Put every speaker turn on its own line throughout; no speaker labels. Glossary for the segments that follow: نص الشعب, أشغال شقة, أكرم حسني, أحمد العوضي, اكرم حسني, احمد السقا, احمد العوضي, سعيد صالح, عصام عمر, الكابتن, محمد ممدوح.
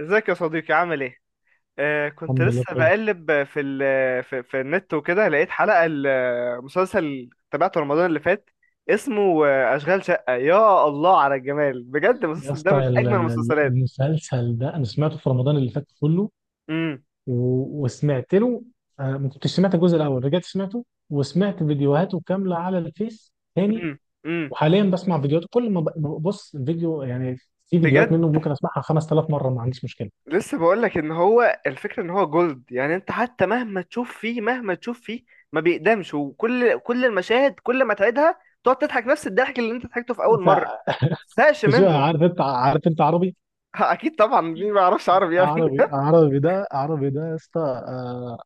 ازيك يا صديقي؟ عامل ايه؟ آه، كنت
الحمد لله
لسه
بخير.
بقلب في النت وكده، لقيت حلقة المسلسل تابعته رمضان اللي فات. اسمه أشغال شقة. يا الله على الجمال بجد!
يا
المسلسل ده من
اسطى،
أجمل المسلسلات.
المسلسل ده انا سمعته في رمضان اللي فات كله،
امم
وسمعت له. ما كنتش سمعت الجزء الاول، رجعت سمعته وسمعت فيديوهاته كامله على الفيس تاني.
امم امم
وحاليا بسمع فيديوهاته كل ما ما ببص الفيديو يعني. في فيديوهات منه
بجد؟
ممكن اسمعها 5000 مره ما عنديش مشكله.
لسه بقول لك ان هو الفكرة ان هو جولد، يعني انت حتى مهما تشوف فيه ما بيقدمش، كل المشاهد كل ما تعيدها تقعد تضحك نفس الضحك اللي انت ضحكته في اول مرة، ما
ف-
تزهقش
شو
منه.
عارف، انت عارف انت عربي؟
اكيد طبعا، مين ما يعرفش عربي يعني؟
عربي عربي، ده عربي ده يا اسطى. آه،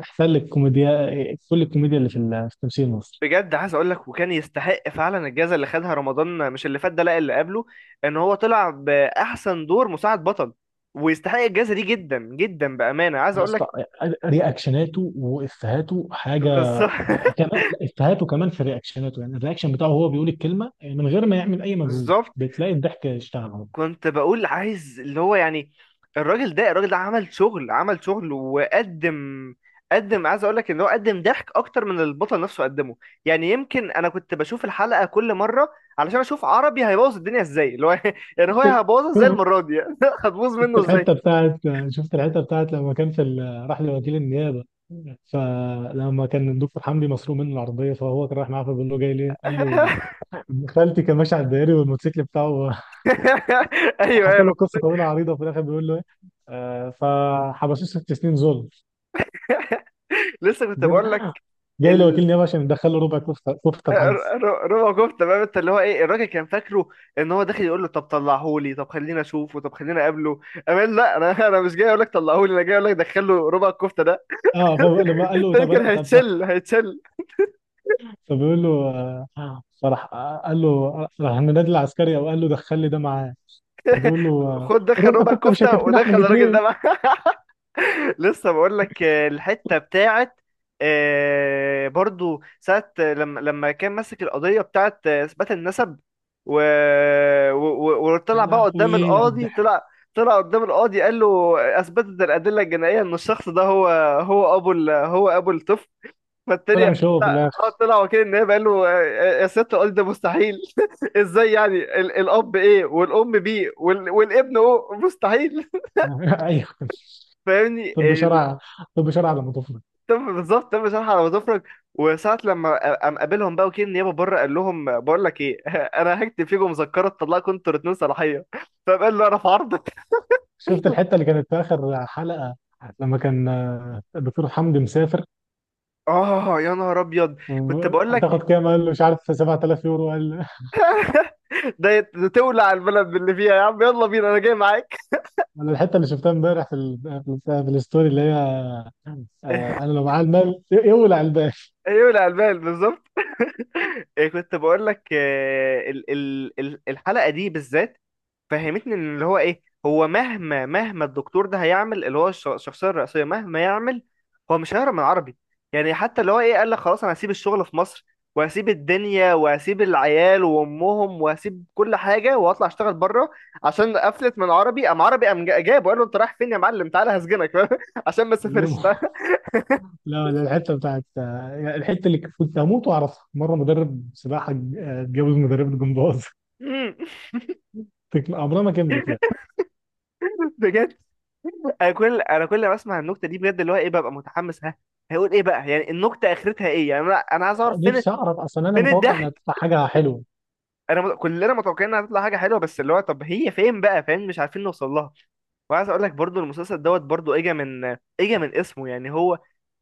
احسن لك كوميديا، كل الكوميديا اللي في في تمثيل مصر.
بجد عايز اقول لك، وكان يستحق فعلا الجائزه اللي خدها رمضان، مش اللي فات ده، لا اللي قبله. ان هو طلع باحسن دور مساعد بطل، ويستحق الجائزه دي جدا جدا، بامانه عايز
يا
اقول
اسطى،
لك.
رياكشناته وافهاته حاجه.
بالظبط.
كمان لا، افهاته كمان في رياكشناته. يعني الرياكشن بتاعه، هو بيقول الكلمه من غير ما يعمل اي مجهود
بالظبط.
بتلاقي الضحك اشتغل اهو.
كنت بقول عايز اللي هو يعني، الراجل ده عمل شغل، وقدم، قدم. عايز اقول لك ان هو قدم ضحك اكتر من البطل نفسه قدمه. يعني يمكن انا كنت بشوف الحلقه كل مره علشان اشوف عربي هيبوظ الدنيا ازاي، اللي هو يعني هو
شفت،
هيبوظها ازاي المره دي. هتبوظ
شفت
منه ازاي.
الحته بتاعت شفت الحته بتاعت لما كان في راح لوكيل النيابه. فلما كان الدكتور حمدي مسروق منه العربيه، فهو كان رايح معاه، فبيقول له: جاي ليه؟ قال له: ابن خالتي كان ماشي على الدائري والموتوسيكل بتاعه.
ايوه
وحكى
ايوه.
له قصه طويله عريضه، وفي الاخر بيقول له: ايه؟ فحبسوه ست سنين ظلم.
لسه كنت
جاب
بقول لك.
جاي له
ال
وكيل نيابه عشان يدخله ربع كفته، كفته
آه،
الحجز.
ر- ر- ربع كفته بقى، انت اللي هو ايه، الراجل كان فاكره ان هو داخل يقول له طب طلعهولي، طب خلينا اشوفه، طب خلينا اقابله. امان، لا انا انا مش جاي اقول لك طلعهولي، انا جاي اقول لك دخله ربع الكفته ده.
اه، فلما قال له:
التاني
طب انا
كان
طب ده،
هيتشل.
فبيقول له، فراح، قال له راح النادي العسكري، او قال له: دخل لي ده معاه. فبيقول له:
خد، دخل
الربع
ربع
كفته مش
الكفته
هيكفينا احنا
ودخل الراجل ده
الاثنين.
معاه. لسه بقول لك، الحته بتاعت، برضو ساعه لما كان ماسك القضيه بتاعت اثبات النسب، و...
يا
وطلع بقى قدام
لهوي على
القاضي،
الضحك!
طلع، طلع قدام القاضي قال له اثبتت الادله الجنائيه ان الشخص ده هو، هو ابو الطفل. فالتاني
طلع
قام،
مش هو في
طلع،
الاخر؟
اه طلع وكيل النيابه قال له يا سياده القاضي ده مستحيل. ازاي يعني؟ الاب ايه، والام بي، والابن او، مستحيل.
ايوه.
فاهمني؟
طب شرع طب شرع على مضافنا.
طب بالظبط، تم شرح على مظافرك. وساعة لما قام قابلهم بقى وكيل النيابة بره، قال لهم بقول لك ايه، انا هكتب فيكم مذكرة تطلعكم انتوا الاتنين صلاحية. فقال له انا في عرضك.
شفت الحته اللي كانت في اخر حلقه لما كان الدكتور حمدي مسافر؟
اه يا نهار ابيض! كنت بقول لك
هتاخد كام؟ قال له: مش عارف، 7000 يورو. قال:
ده تولع البلد باللي فيها يا عم، يلا بينا انا جاي معاك.
انا الحته اللي شفتها امبارح في في في الستوري اللي هي، انا لو معايا المال يولع البال
يولع البلد، بالظبط. إيه، كنت بقول لك الحلقة دي بالذات، فهمتني؟ ان اللي هو ايه، هو مهما الدكتور ده هيعمل، اللي هو الشخصيه الرئيسيه مهما يعمل، هو مش هيهرب من العربي. يعني حتى اللي هو ايه قال لك خلاص انا هسيب الشغل في مصر، وهسيب الدنيا، وهسيب العيال وامهم، وهسيب كل حاجه واطلع اشتغل بره، عشان قفلت من عربي. قام عربي قام جابه، قال له انت رايح فين يا معلم، تعالى هسجنك عشان ما
الليمو.
تسافرش.
لا لا، الحته بتاعت، يعني الحته اللي كنت هموت واعرفها مره، مدرب سباحه اتجوز مدرب جمباز.
مم.
عمرها ما كملت يعني.
بجد؟ انا كل ما اسمع النكته دي بجد اللي هو ايه، ببقى متحمس، ها هيقول ايه بقى يعني، النكته اخرتها ايه يعني، انا عايز اعرف فين،
نفسي اعرف اصلا، انا
فين
متوقع انها
الضحك.
تطلع حاجه حلوه.
كلنا متوقعين انها هتطلع حاجه حلوه، بس اللي هو طب هي فين بقى، فاهم؟ مش عارفين نوصل لها. وعايز اقول لك برضو المسلسل دوت، برضو اجا من اسمه، يعني هو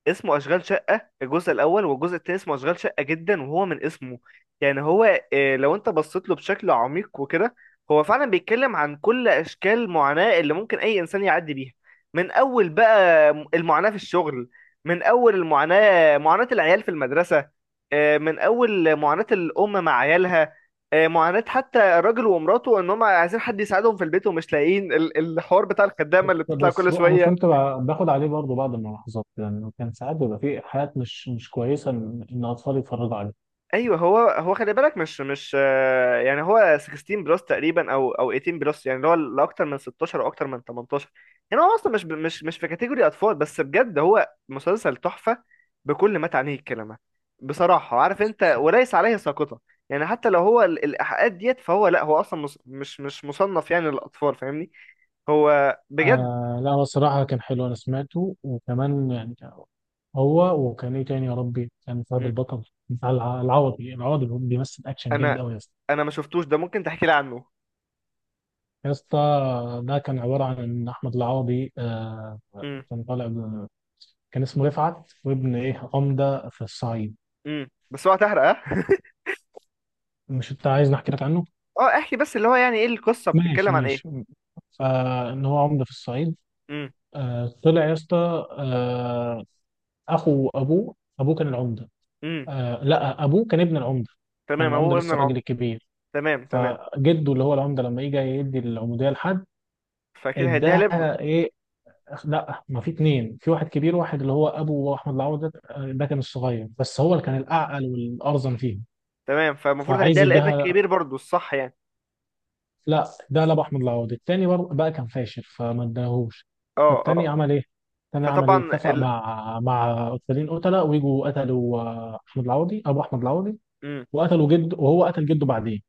اسمه اشغال شقه الجزء الاول، والجزء التاني اسمه اشغال شقه جدا. وهو من اسمه، يعني هو، آه، لو انت بصيت له بشكل عميق وكده، هو فعلا بيتكلم عن كل اشكال المعاناه اللي ممكن اي انسان يعدي بيها. من اول بقى المعاناه في الشغل، من اول المعاناه معاناه العيال في المدرسه، من اول معاناه الام مع عيالها، معاناة حتى الراجل ومراته ان هم عايزين حد يساعدهم في البيت ومش لاقيين، الحوار بتاع الخدامة اللي بتطلع كل
انا
شوية.
كنت باخد عليه برضه بعض الملاحظات، يعني كان ساعات بيبقى في حاجات مش كويسه ان اطفال يتفرجوا
ايوه، هو خلي بالك، مش مش آه، يعني هو 16 بلس تقريبا، او 18 بلس، يعني اللي هو اللي اكتر من 16 او اكتر من 18. يعني هو اصلا مش ب- مش مش في كاتيجوري اطفال. بس بجد هو مسلسل تحفة بكل ما تعنيه الكلمة. بصراحة عارف انت،
عليها.
وليس عليه ساقطة، يعني حتى لو هو الايحاءات ديت، فهو لا، هو اصلا مش مصنف يعني للاطفال، فاهمني. هو بجد.
آه لا، هو الصراحة كان حلو، أنا سمعته. وكمان يعني كان هو، وكان إيه تاني يا ربي؟ كان فهد البطل، بتاع العوضي. العوضي اللي هو بيمثل أكشن جامد
انا
أوي يا اسطى.
انا ما شفتوش ده، ممكن تحكي لي عنه؟
يا اسطى، ده كان عبارة عن إن أحمد العوضي آه،
امم.
كان طالع كان اسمه رفعت، وابن إيه؟ عمدة في الصعيد.
امم. بس هو هتحرق، ها؟
مش أنت عايز نحكي لك عنه؟
اه احكي، بس اللي هو يعني ايه، القصه
ماشي
بتتكلم عن ايه؟
ماشي. فإن هو عمدة في الصعيد.
امم.
آه طلع يا اسطى، آه، أخو أبوه. أبوه كان العمدة.
امم.
آه لا، ابوه كان ابن العمده. كان
تمام،
العمده
هو ابن
لسه الراجل
العم.
الكبير.
تمام تمام.
فجده اللي هو العمده لما يجي يدي العموديه لحد،
فاكيد هيديها لابنه.
اداها ايه؟ لا، ما في اتنين: في واحد كبير، واحد اللي هو ابو احمد العوده. ده كان الصغير، بس هو اللي كان الاعقل والارزن فيهم.
تمام، فالمفروض
فعايز
هيديها لابنك
يديها،
الكبير برضه، الصح يعني؟
لا، ده لابو احمد العوده التاني. بقى كان فاشل، فما اداهوش.
اه
فالتاني
اه.
عمل ايه؟
فطبعا
اتفق
ال...
مع قتالين، قتله، ويجوا قتلوا، احمد العوضي، ابو احمد العوضي.
امم.
وقتلوا جده، وهو قتل جده بعدين.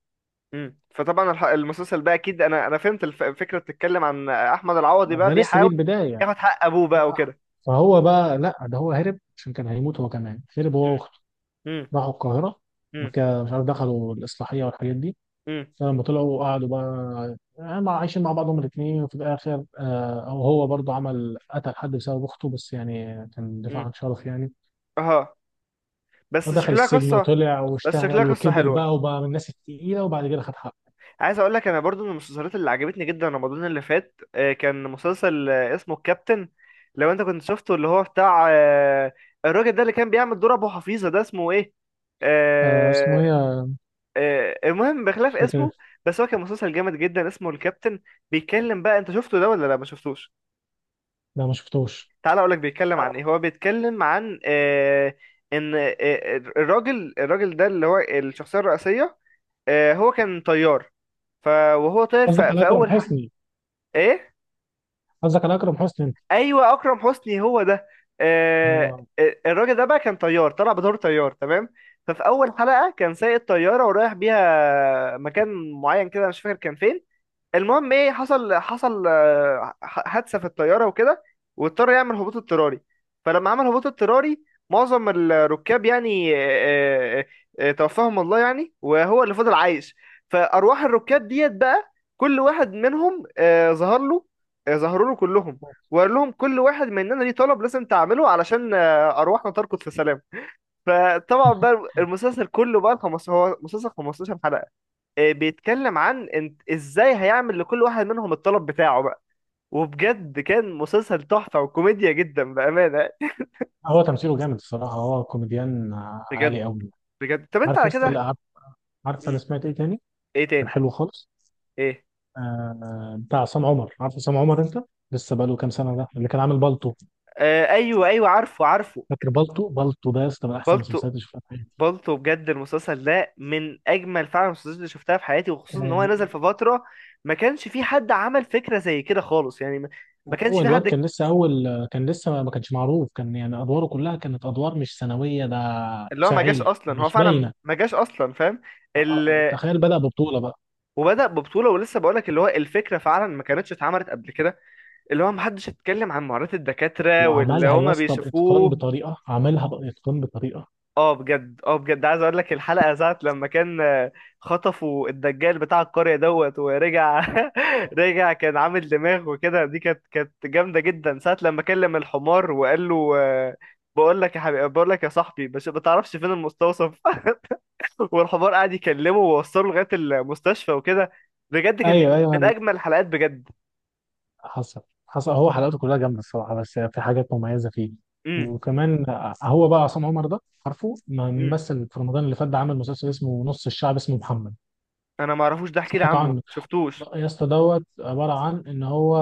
امم. فطبعا المسلسل بقى اكيد، انا فهمت الفكره، بتتكلم عن احمد العوضي بقى
ده لسه دي
بيحاول
البداية يعني.
ياخد حق ابوه بقى وكده.
فهو بقى، لا ده هو هرب عشان كان هيموت هو كمان، هرب هو واخته.
امم.
راحوا القاهرة،
امم.
وكده مش عارف دخلوا الإصلاحية والحاجات دي.
امم.
فلما طلعوا قعدوا بقى، يعني عايشين مع بعضهم الاثنين. وفي الآخر آه، أو هو برضه عمل قتل حد بسبب أخته، بس يعني كان دفاع
امم.
عن شرف يعني.
اه بس
فدخل
شكلها
السجن
قصه،
وطلع
بس شكلها
واشتغل
قصه
وكبر
حلوه.
بقى، وبقى من الناس التقيلة، وبعد كده خد حقه.
عايز اقول لك انا برضو من المسلسلات اللي عجبتني جدا رمضان اللي فات، كان مسلسل، اسمه الكابتن. لو انت كنت شفته، اللي هو بتاع الراجل ده اللي كان بيعمل دور ابو حفيظه ده، اسمه ايه؟
آه اسمه
آه،
إيه؟
المهم بخلاف
مش فاكر.
اسمه، بس هو كان مسلسل جامد جدا، اسمه الكابتن. بيتكلم بقى، انت شفته ده ولا لا؟ ما شفتوش؟
لا ما شفتوش.
تعال اقول لك بيتكلم
أنا-
عن ايه. هو بيتكلم عن آه، ان آه، آه، الراجل، الراجل ده اللي هو الشخصيه الرئيسيه، آه، هو كان طيار. ف وهو طاير،
قصدك على
في
أكرم
اول
حسني؟
ايه.
قصدك على أكرم حسني أنت؟
ايوه، اكرم حسني هو ده.
هو
الراجل ده بقى كان طيار، طلع بدور طيار تمام. ففي اول حلقه كان سايق الطياره ورايح بيها مكان معين كده، أنا مش فاكر كان فين. المهم ايه حصل، حصل، حادثه في الطياره وكده، واضطر يعمل هبوط اضطراري. فلما عمل هبوط اضطراري، معظم الركاب يعني، توفاهم الله يعني، وهو اللي فضل عايش. فارواح الركاب ديت بقى، كل واحد منهم ظهروا له كلهم، وقال لهم كل واحد مننا ليه طلب لازم تعمله علشان ارواحنا تركض في سلام. فطبعا بقى المسلسل كله بقى، هو مسلسل 15 حلقه، بيتكلم عن انت ازاي هيعمل لكل واحد منهم الطلب بتاعه بقى. وبجد كان مسلسل تحفة وكوميديا جدا بأمانة.
هو تمثيله جامد الصراحة، هو كوميديان عالي
بجد؟
أوي.
بجد طب انت
عارف يا
على
اسطى
كده.
اللي عارف، عارف أنا
مم.
سمعت إيه تاني؟
ايه
كان
تاني؟
حلو خالص.
ايه؟
آه، بتاع عصام عمر. عارف عصام عمر أنت؟ لسه بقاله كام سنة، ده اللي كان عامل بالطو.
آه ايوه ايوه، عارفه عارفه.
فاكر بالطو؟ بالطو ده يا اسطى من أحسن
بالطو،
المسلسلات اللي شفتها في حياتي.
بالطو، بجد المسلسل ده من اجمل فعلا المسلسلات اللي شفتها في حياتي، وخصوصا ان
آه
هو نزل في فترة ما كانش في حد عمل فكرة زي كده خالص يعني، ما ما كانش
هو
في
الواد
حد.
كان لسه أول، كان لسه ما كانش معروف. كان يعني أدواره كلها كانت أدوار مش ثانوية، ده
اللي هو ما جاش
ساعية
اصلا، هو
مش
فعلا
باينة.
ما جاش اصلا، فاهم؟ ال-
تخيل بدأ ببطولة بقى.
وبدأ ببطولة. ولسه بقولك اللي هو الفكرة فعلا ما كانتش اتعملت قبل كده، اللي هو محدش اتكلم عن معاناة الدكاترة واللي
وعملها يا
هما
اسطى بإتقان،
بيشوفوه.
بطريقة، عملها بإتقان بطريقة.
اه بجد، اه بجد عايز اقولك الحلقة ساعة لما كان خطفوا الدجال بتاع القرية دوت ورجع، رجع كان عامل دماغ وكده، دي كانت كانت جامدة جدا، ساعة لما كلم الحمار وقال له بقول لك يا حبيبي، بقول لك يا صاحبي، بس ما تعرفش فين المستوصف. والحمار قعد يكلمه ووصله لغايه المستشفى وكده. بجد كانت دي
ايوه
من
ايوه.
اجمل الحلقات بجد.
حصل، هو حلقاته كلها جامده الصراحه، بس في حاجات مميزه فيه.
امم.
وكمان، هو بقى عصام عمر ده، عارفه ما
امم.
مثل في رمضان اللي فات ده؟ عامل مسلسل اسمه نص الشعب، اسمه محمد.
انا ما اعرفوش ده، احكي لي
سمعت
عنه،
عنه.
شفتوش.
يا اسطى، دوت عباره عن ان هو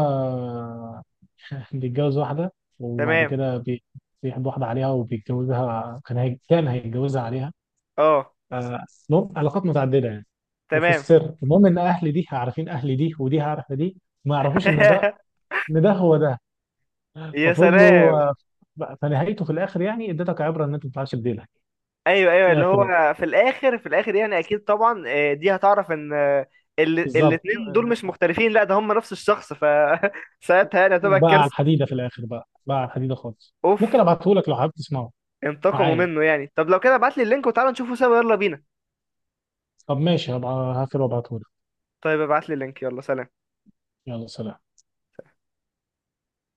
بيتجوز واحده، وبعد
تمام.
كده بيحب واحده عليها وبيتجوزها. كان هي... كان هيتجوزها عليها.
اه.
آه، المهم علاقات متعدده يعني، وفي
تمام.
السر. المهم ان اهل دي عارفين اهل دي، ودي عارفه دي، ما يعرفوش ان ده هو ده.
يا
ففضلوا،
سلام.
فنهايته في الاخر يعني، اديتك عبره ان انت ما تطلعش بديلها
ايوه ايوه،
في
اللي
الاخر يعني.
هو في الاخر، في الاخر يعني اكيد طبعا، دي هتعرف ان،
بالظبط.
الاتنين دول مش
آه،
مختلفين، لا ده هم نفس الشخص. ساعتها يعني هتبقى
وبقى على
الكارثه.
الحديده في الاخر، بقى على الحديده خالص. ممكن
اوف،
ابعته لك لو حابب تسمعه
انتقموا
معايا.
منه يعني. طب لو كده ابعت لي اللينك وتعالى نشوفه سوا، يلا بينا.
طب ماشي، هبقى هقفل وابعته لك.
طيب ابعت لي اللينك، يلا سلام.
يلا سلام.